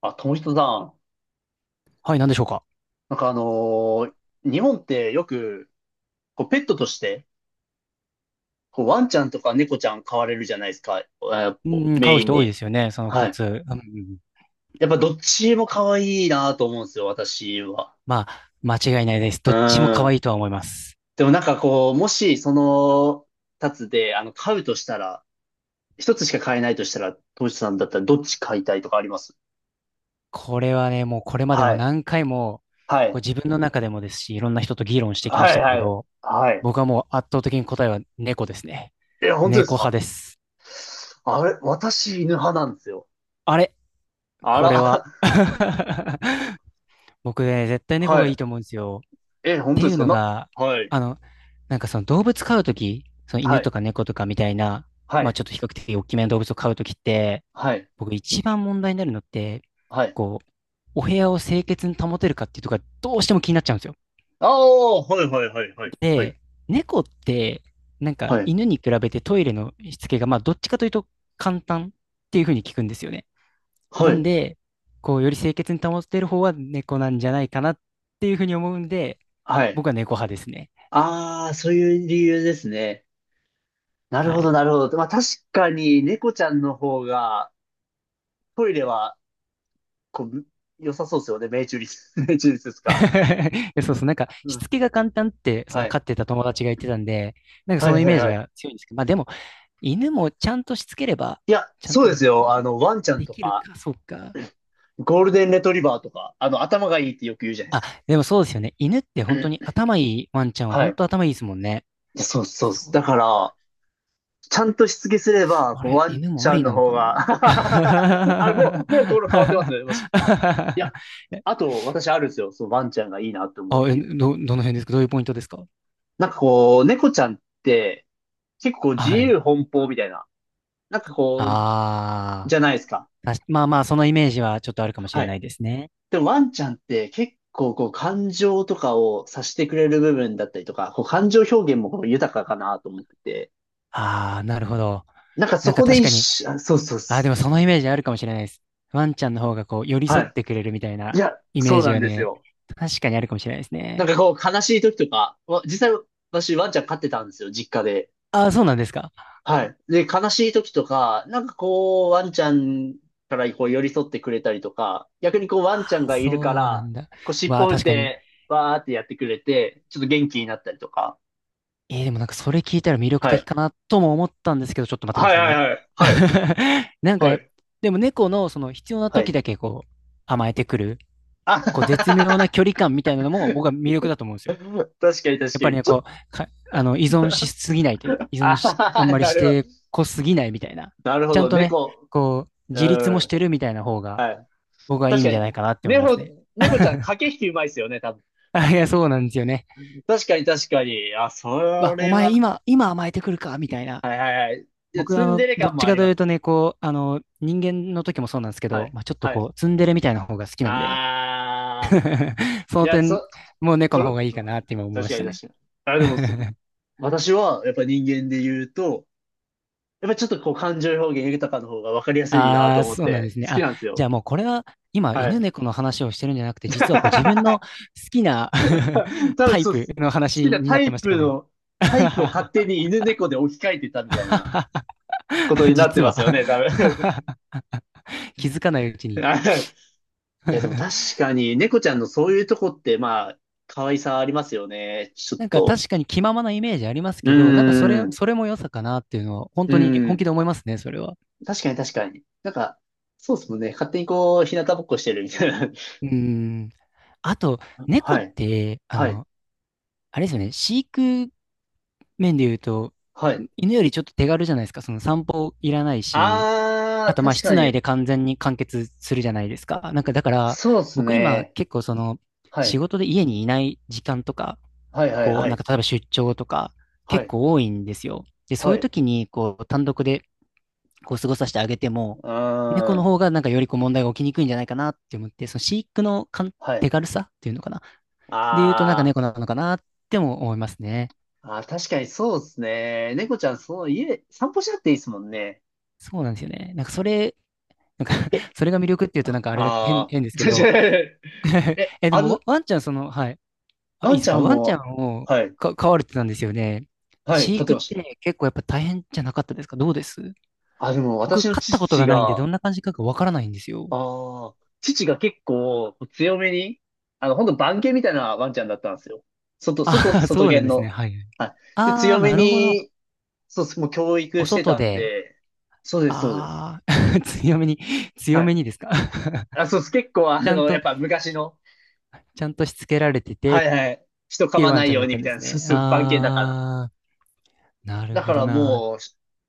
あ、友人さん、はい、何でしょうか。なんか日本ってよく、こうペットとして、こうワンちゃんとか猫ちゃん飼われるじゃないですか、あこうん、買メうイン人多いでに。すよね、その二はい。つ。うん、やっぱどっちも可愛いなと思うんですよ、私は。まあ、間違いないです。うどっちも可ん。愛いとは思います。でもなんかこう、もしその、二つで、飼うとしたら、一つしか飼えないとしたら、友人さんだったらどっち飼いたいとかあります？これはね、もうこれまではもい。何回も、はこい。う自分の中でもですし、いろんな人と議論してきまはしい、たはけい。ど、はい。僕はもう圧倒的に答えは猫ですね。え、本当で猫す派か？です。あれ、私犬派なんですよ。あれ、あこれは ら。僕ね、絶 対猫はがいいい。と思うんですよ。っえ、本て当でいすうかのな、が、はい。あの、その動物飼うとき、そのは犬い、とか猫とかみたいな、はまあい、ちょっと比較的大きめの動物を飼うときって、はい、僕一番問題になるのって、はい、こう、お部屋を清潔に保てるかっていうとこがどうしても気になっちゃうんですよ。ああ、はいはいはいはい。はで、い。猫って、はい、犬に比べてトイレのしつけが、まあどっちかというと簡単っていうふうに聞くんですよね。はなんい、で、こう、より清潔に保てる方は猫なんじゃないかなっていうふうに思うんで、はい。僕は猫派ですね。ああ、そういう理由ですね。なるはほど、い。なるほど。まあ確かに猫ちゃんの方がトイレはこう良さそうですよね。命中率、命中率ですか？そうそう、うしん。つけが簡単って、そはのい。飼ってた友達が言ってたんで、なんかはそいのイはいメージはい。が強いんですけど、まあでも、犬もちゃんとしつければ、いや、ちゃんそうとでですよ。きワンちゃんとるか、か、そうか。ゴールデンレトリバーとか、頭がいいってよく言うじゃないであ、すか。でもそうですよね。犬って本当に頭いいワンちゃんははい。本当い頭いいですもんね。やそうそうっす。そう。だから、ちゃんとしつけすれば、あこうれ、ワン犬ちもあゃんりのなの方かが。 な。 あれ、も う、もうこの変わってますね。もし。いや、あと、私あるんですよ。そのワンちゃんがいいなと思うあ、理え、由。ど、どの辺ですか？どういうポイントですか？なんかこう、猫ちゃんって、結構自はい。由奔放みたいな。なんかこう、ああ、じゃないですか。確、まあまあ、そのイメージはちょっとあるかもしはれない。いですね。でもワンちゃんって結構こう、感情とかを察してくれる部分だったりとか、こう、感情表現もこう豊かかなと思ってて。ああ、なるほど。なんかそなんかこで確一かに、緒、あそうそうあ、でそもそのイメージあるかもしれないです。ワンちゃんの方がこう、寄りう、は添っい。てくれるみたいいなや、イメそーうジなんはですね、よ。確かにあるかもしれないですなんね。かこう、悲しい時とか、実際私ワンちゃん飼ってたんですよ、実家で。あ、そうなんですか。はい。で、悲しい時とか、なんかこう、ワンちゃんからこう寄り添ってくれたりとか、逆にこう、ワあ、ンちゃんがいるかそうなら、んだ。こう、尻わあ、尾振っ確かに。て、わーってやってくれて、ちょっと元気になったりとか。えー、でもなんかそれ聞いたら魅力は的い。かなとも思ったんですけど、ちょっと待ってくだはいさいはいね。はい。はい。なんかはや、い。でも猫のその必要なは時い。だけこう、甘えてくる、あはこう、絶は妙な距離は、感みたいなのも僕は魅力だと思うんですよ。確かに確やっかぱに。りね、ちょっと、こう、依存しすぎないというか、依あ存はし、はあんはまりなしるほてど。こすぎないみたいな。なるほちゃんど。とね、猫。こう、う自立もん。してるみたいな方が、はい。僕はいい確んかじゃに。ないかなって思います猫、ね。猫ちゃん駆 け引きうまいですよね、多分。あ、いや、そうなんですよね。確かに確かに。あ、そわ、おれ前は。今、今甘えてくるかみたいな。はいはいはい。いや、僕は、ツンデレどっ感もちあかりとまいうす。とね、こう、人間の時もそうなんですけはど、い。まあ、ちょっとはい。こう、ツンデレみたいな方が好きなんで、あ そー。いのや、点、そ、もう猫そのれ、方がいいかなって今思い確まかしたに確ね。かに。あ、でもそ、私は、やっぱ人間で言うと、やっぱちょっとこう感情表現豊かの方が分かりやすいなあとあ、思っそうなんでて、すね。好きあ、なんですじよ。ゃあもうこれは今は犬い。猫の話をしてるんじゃなくて、実はこう自分の 好きな 多タ分イそうっプす。好のき話なにタなってイましたプかね。の、タイプを勝手に犬猫で置き換えてたみたいな ことになって実まは すよね、多分。気づかないうち いに や、でも確かに、猫ちゃんのそういうとこって、まあ、可愛さありますよね。ちょっなんかと。確かに気ままなイメージありますうけど、なんかーん。それも良さかなっていうのは本う当にー本ん。気で思いますね、それは。確かに確かに。なんか、そうっすもんね。勝手にこう、日向ぼっこしてるみたいな。うーん。あと、猫はっい。て、はい。あれですよね、飼育面で言うと、はい。犬よりちょっと手軽じゃないですか。その散歩いらないし、ああー、とまあ確か室内に。で完全に完結するじゃないですか。なんかだから、そうっす僕今ね。結構そのは仕い。事で家にいない時間とか、はいはいこうはなんい。か例えば出張とかは結い。構多いんですよ。で、そうはいうい。う時にこう単独でこう過ごさせてあげても、猫ーのん。方がなんかよりこう問題が起きにくいんじゃないかなって思って、その飼育のはい。手軽さっていうのかな。で言うとなんかあー。猫なのかなっても思いますね。あー、確かにそうっすね。猫ちゃん、そう、家、散歩しなくていいっすもんね。そうなんですよね。なんかそれなんか それが魅力っていうとあなんかあれだ、あ変ですけー、ど。確かに。え、え、であもず、ワンちゃんその、はい。あ、いワいンでちすゃか。んワンちゃも、んをはい、飼われてたんですよね。はい、飼飼って育っました。て結構やっぱ大変じゃなかったですか？どうです？あ、でも私僕、の飼ったこと父がないんで、が、どあんな感じかがわからないんですよ。あ、父が結構強めに、ほんと番犬みたいなワンちゃんだったんですよ。あ、 外そうなん犬ですね。の。はい。はい。で、あー、強めなるほど。に、そうです、もう教お育して外たんで、で、そうです、そうです。あー 強めに、強はめい。にですか？ あ、そうです、結構ちゃんやと、っぱ昔の、ちゃんとしつけられててはっいはい、人噛ていうまワなンちいゃんよだうっにたみんでたいな、すそうね。そう、番犬だから。ああ、なるだかほどらな。もう、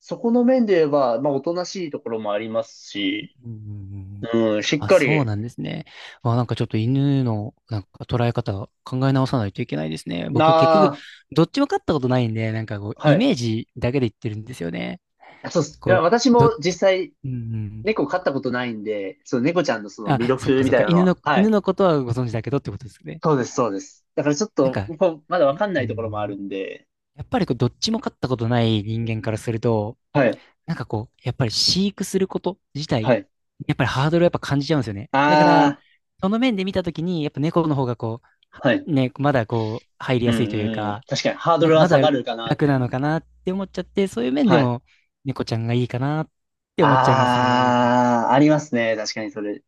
そこの面で言えば、まあ、おとなしいところもありますし、うんうんうんうん。うん、しっあ、かそうなんり、ですね。あ、なんかちょっと犬のなんか捉え方考え直さないといけないですね。僕結局などっちも飼ったことないんで、なんかこうあ、はイい。メージだけで言ってるんですよね。あそうっす。いこや、う、私どっもち、実際、うんうん。猫飼ったことないんで、その猫ちゃんのその魅あ、そっ力かみそったか。いなの犬の、は、は犬い。のことはご存知だけどってことですね。そうです、そうです。だからちょっなんと、か、こうまだわいかんなういところもあん、るんで、やっぱりこうどっちも飼ったことない人間からすると、はい、なんかこう、やっぱり飼育すること自は体、い。やっぱりハードルをやっぱ感じちゃうんですよね。だから、あその面で見たときに、やっぱ猫の方がこあ、はい。う、ね、まだこう、入りうやすいというん、うん。か、確かに、ハードなんルかはまだ下がるかな、み楽たいなのな。かなって思っちゃって、そういう面ではい。も猫ちゃんがいいかなって思っちゃいますね。ああ、ありますね。確かに、それ。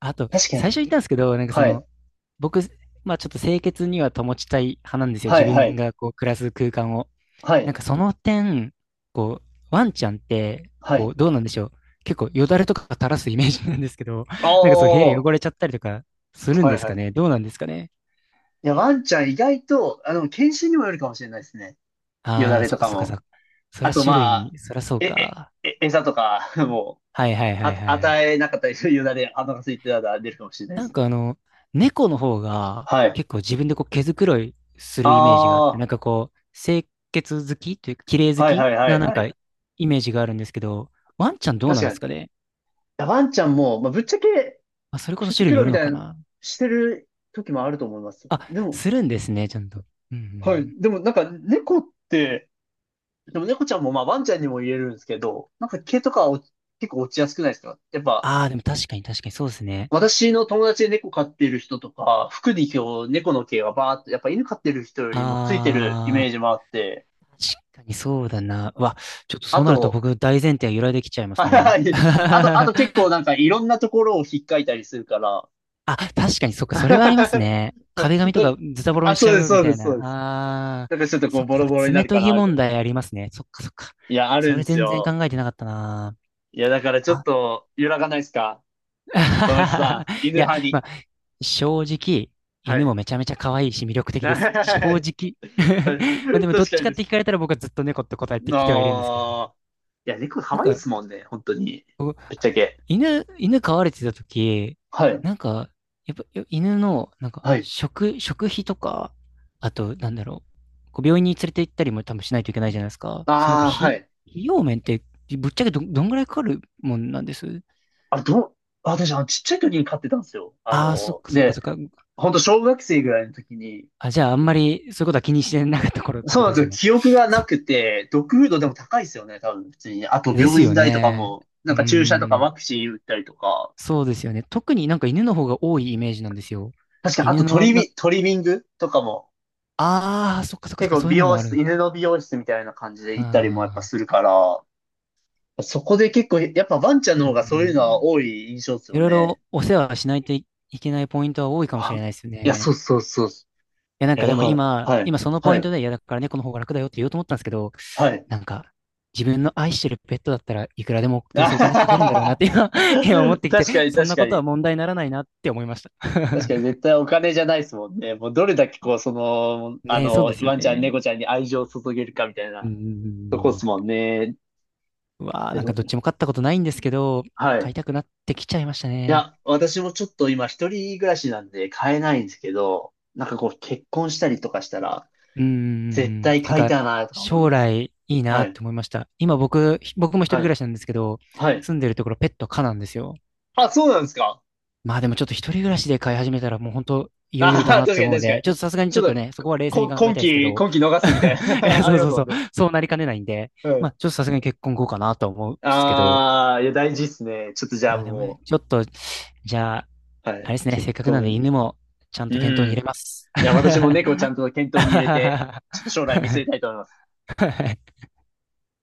あと、確か最初に。言ったんですけど、なんかそはの、い、僕、まあちょっと清潔には保ちたい派なんですよ。は自い、は分い、がこう、暮らす空間を。はなんい、かその点、こう、ワンちゃんって、はこい。う、どうなんでしょう。結構よだれとか垂らすイメージなんですけど、ああ、なんかそう部屋は汚れちゃったりとかするんでい、すはかい。ね。どうなんですかね。いや、ワンちゃん意外と、犬種にもよるかもしれないですね。よだああ、れそとっかかそっかそっも。か。そりあゃと、種ま類あ、に、そりゃそうえ、か。餌とか、もう、はいはいはあ、いはいはい。与えなかったりするよだれ、お腹空いてたら出るかもしれないでなんすかね。あの、猫の方がはい。結構自分でこう毛づくろいするイメージがあって、ああ、なんかこう、清潔好きというか、綺麗好はいはきいはないなんはかい。イメージがあるんですけど、ワンちゃんどう確なんでかに。すいかね。やワンちゃんも、まあ、ぶっちゃけ、まあ、それこそ毛づ種類くにろよいるみのたいかな、な。してる時もあると思いますよ。あ、でも、するんですね、ちゃんと。うんうはい。ん。でも、なんか、猫って、でも猫ちゃんも、まあ、ワンちゃんにも言えるんですけど、なんか毛とかは結構落ちやすくないですか？やっぱ、ああ、でも確かに確かにそうですね。私の友達で猫飼ってる人とか、服に今日猫の毛がバーっと、やっぱ犬飼ってる人よりもついてるイああ、メージもあって、確かにそうだな。うわ、ちょっとそあうなるとと、僕大前提が揺らいできちゃいま すはね。い、あと、あと結構なんかいろんなところをひっかいたりするから、あ、確かにそっ か、なそんれはありますかね。壁紙とかズタボロあ、にしちそうゃです、うみそうたでいす、そうな。です。ああ、だからちょっとこそうっボか、そっロか、ボロにな爪る研かぎな、みた問いな。題ありますね。そっかそっか。いや、あるそんでれす全然よ。考えてなかったな。いや、だからちょっと揺らがないですか？富田さ ん、犬いや、派まに。あ、正直、は犬もい。めちゃめちゃ可愛いし魅力的 です。正は直。い、 まあでも、ど確っかちにかっでてす。聞かれたら僕はずっと猫って答えてなきてはいるんですけどね。あ。や、猫な可ん愛いでか、すもんね、本当に。僕ぶっちゃけ。犬飼われてた時、はい。なんか、やっぱよ犬の、なんか、はい。食費とか、あと、なんだろう、こう病院に連れて行ったりも多分しないといけないじゃないですか。そのなんか、ああ、はい。費用面って、ぶっちゃけどんぐらいかかるもんなんです？あ、どう、私、ちっちゃい時に飼ってたんですよ。ああー、そっかそっかで、そっか。本当小学生ぐらいの時に、あ、じゃあ、あんまりそういうことは気にしてなかった頃ってそうことなんですですよよ。ね。記憶がなそ、くて、ドッグフードでも高いですよね、多分、普通に。あと、で病す院よ代とかね。も、なうんーか注射とかん。ワクチン打ったりとか。そうですよね。特になんか犬の方が多いイメージなんですよ。確かに、あ犬との、な、トリミングとかも、ああ、そっかそっかそ結っか、構そういう美のも容ある室、のか。犬の美容室みたいな感じで行ったりもやっぱああ、するから、そこで結構、やっぱワンちゃんのう方んうがそういうのんうはん。多い印象ですいよろいね。ろお世話しないといけないポイントは多いかもしあ、れないですよいや、そね。うそうそう。や、なんえ、かでだもから、今、はい、今そのポはインい、トで、いや、だから猫の方が楽だよって言おうと思ったんですけど、はい。なんか、自分の愛してるペットだったらいくらでも あどうはせお金かけるんだろうなっはは、て今、今思ってきて、確かに、そん確なかことに。は問題にならないなって思いました。確かに、絶対お金じゃないですもんね。もう、どれだけ、こう、その、ねえ、そうですよワンちゃん、ね。猫ちゃんに愛情を注げるかみたいうんなうんうとこっんうん。すもんね。わあ、なんかどっえちも飼ったことないんですけど、は飼い。いたくなってきちゃいましたいね。や、私もちょっと今、一人暮らしなんで買えないんですけど、なんかこう、結婚したりとかしたら、うんう絶んうん。対なん買いか、たいな、とか思い将ます。来いいなはっい、て思いました。今僕も一人は暮い、らしなんですけど、はい。住んでるところペット可なんですよ。あ、そうなんですか？まあでもちょっと一人暮らしで飼い始めたらもう本当いよいああ、よだ なっ確てかに思うん確かで、ちょっに。とさすがにちちょっょっとと、ね、そこは冷静にこ、考えたい今ですけ期、ど、今期逃すみたい いやな あそりうまそすうもそう、んね。そうなりかねないんで、うまん。あちょっとさすがに結婚後かなと思うんですけど、ああ、いや、大事っすね。ちょっとじゃあまあでもね、もちょっと、じゃあ、う、はあれい、ですね、結せっかくなんで婚。犬もちゃんうと検討にん。入いれます。や、私も猫ちゃんと検討に入れて、ちょはっと将来見据えたいと思います。い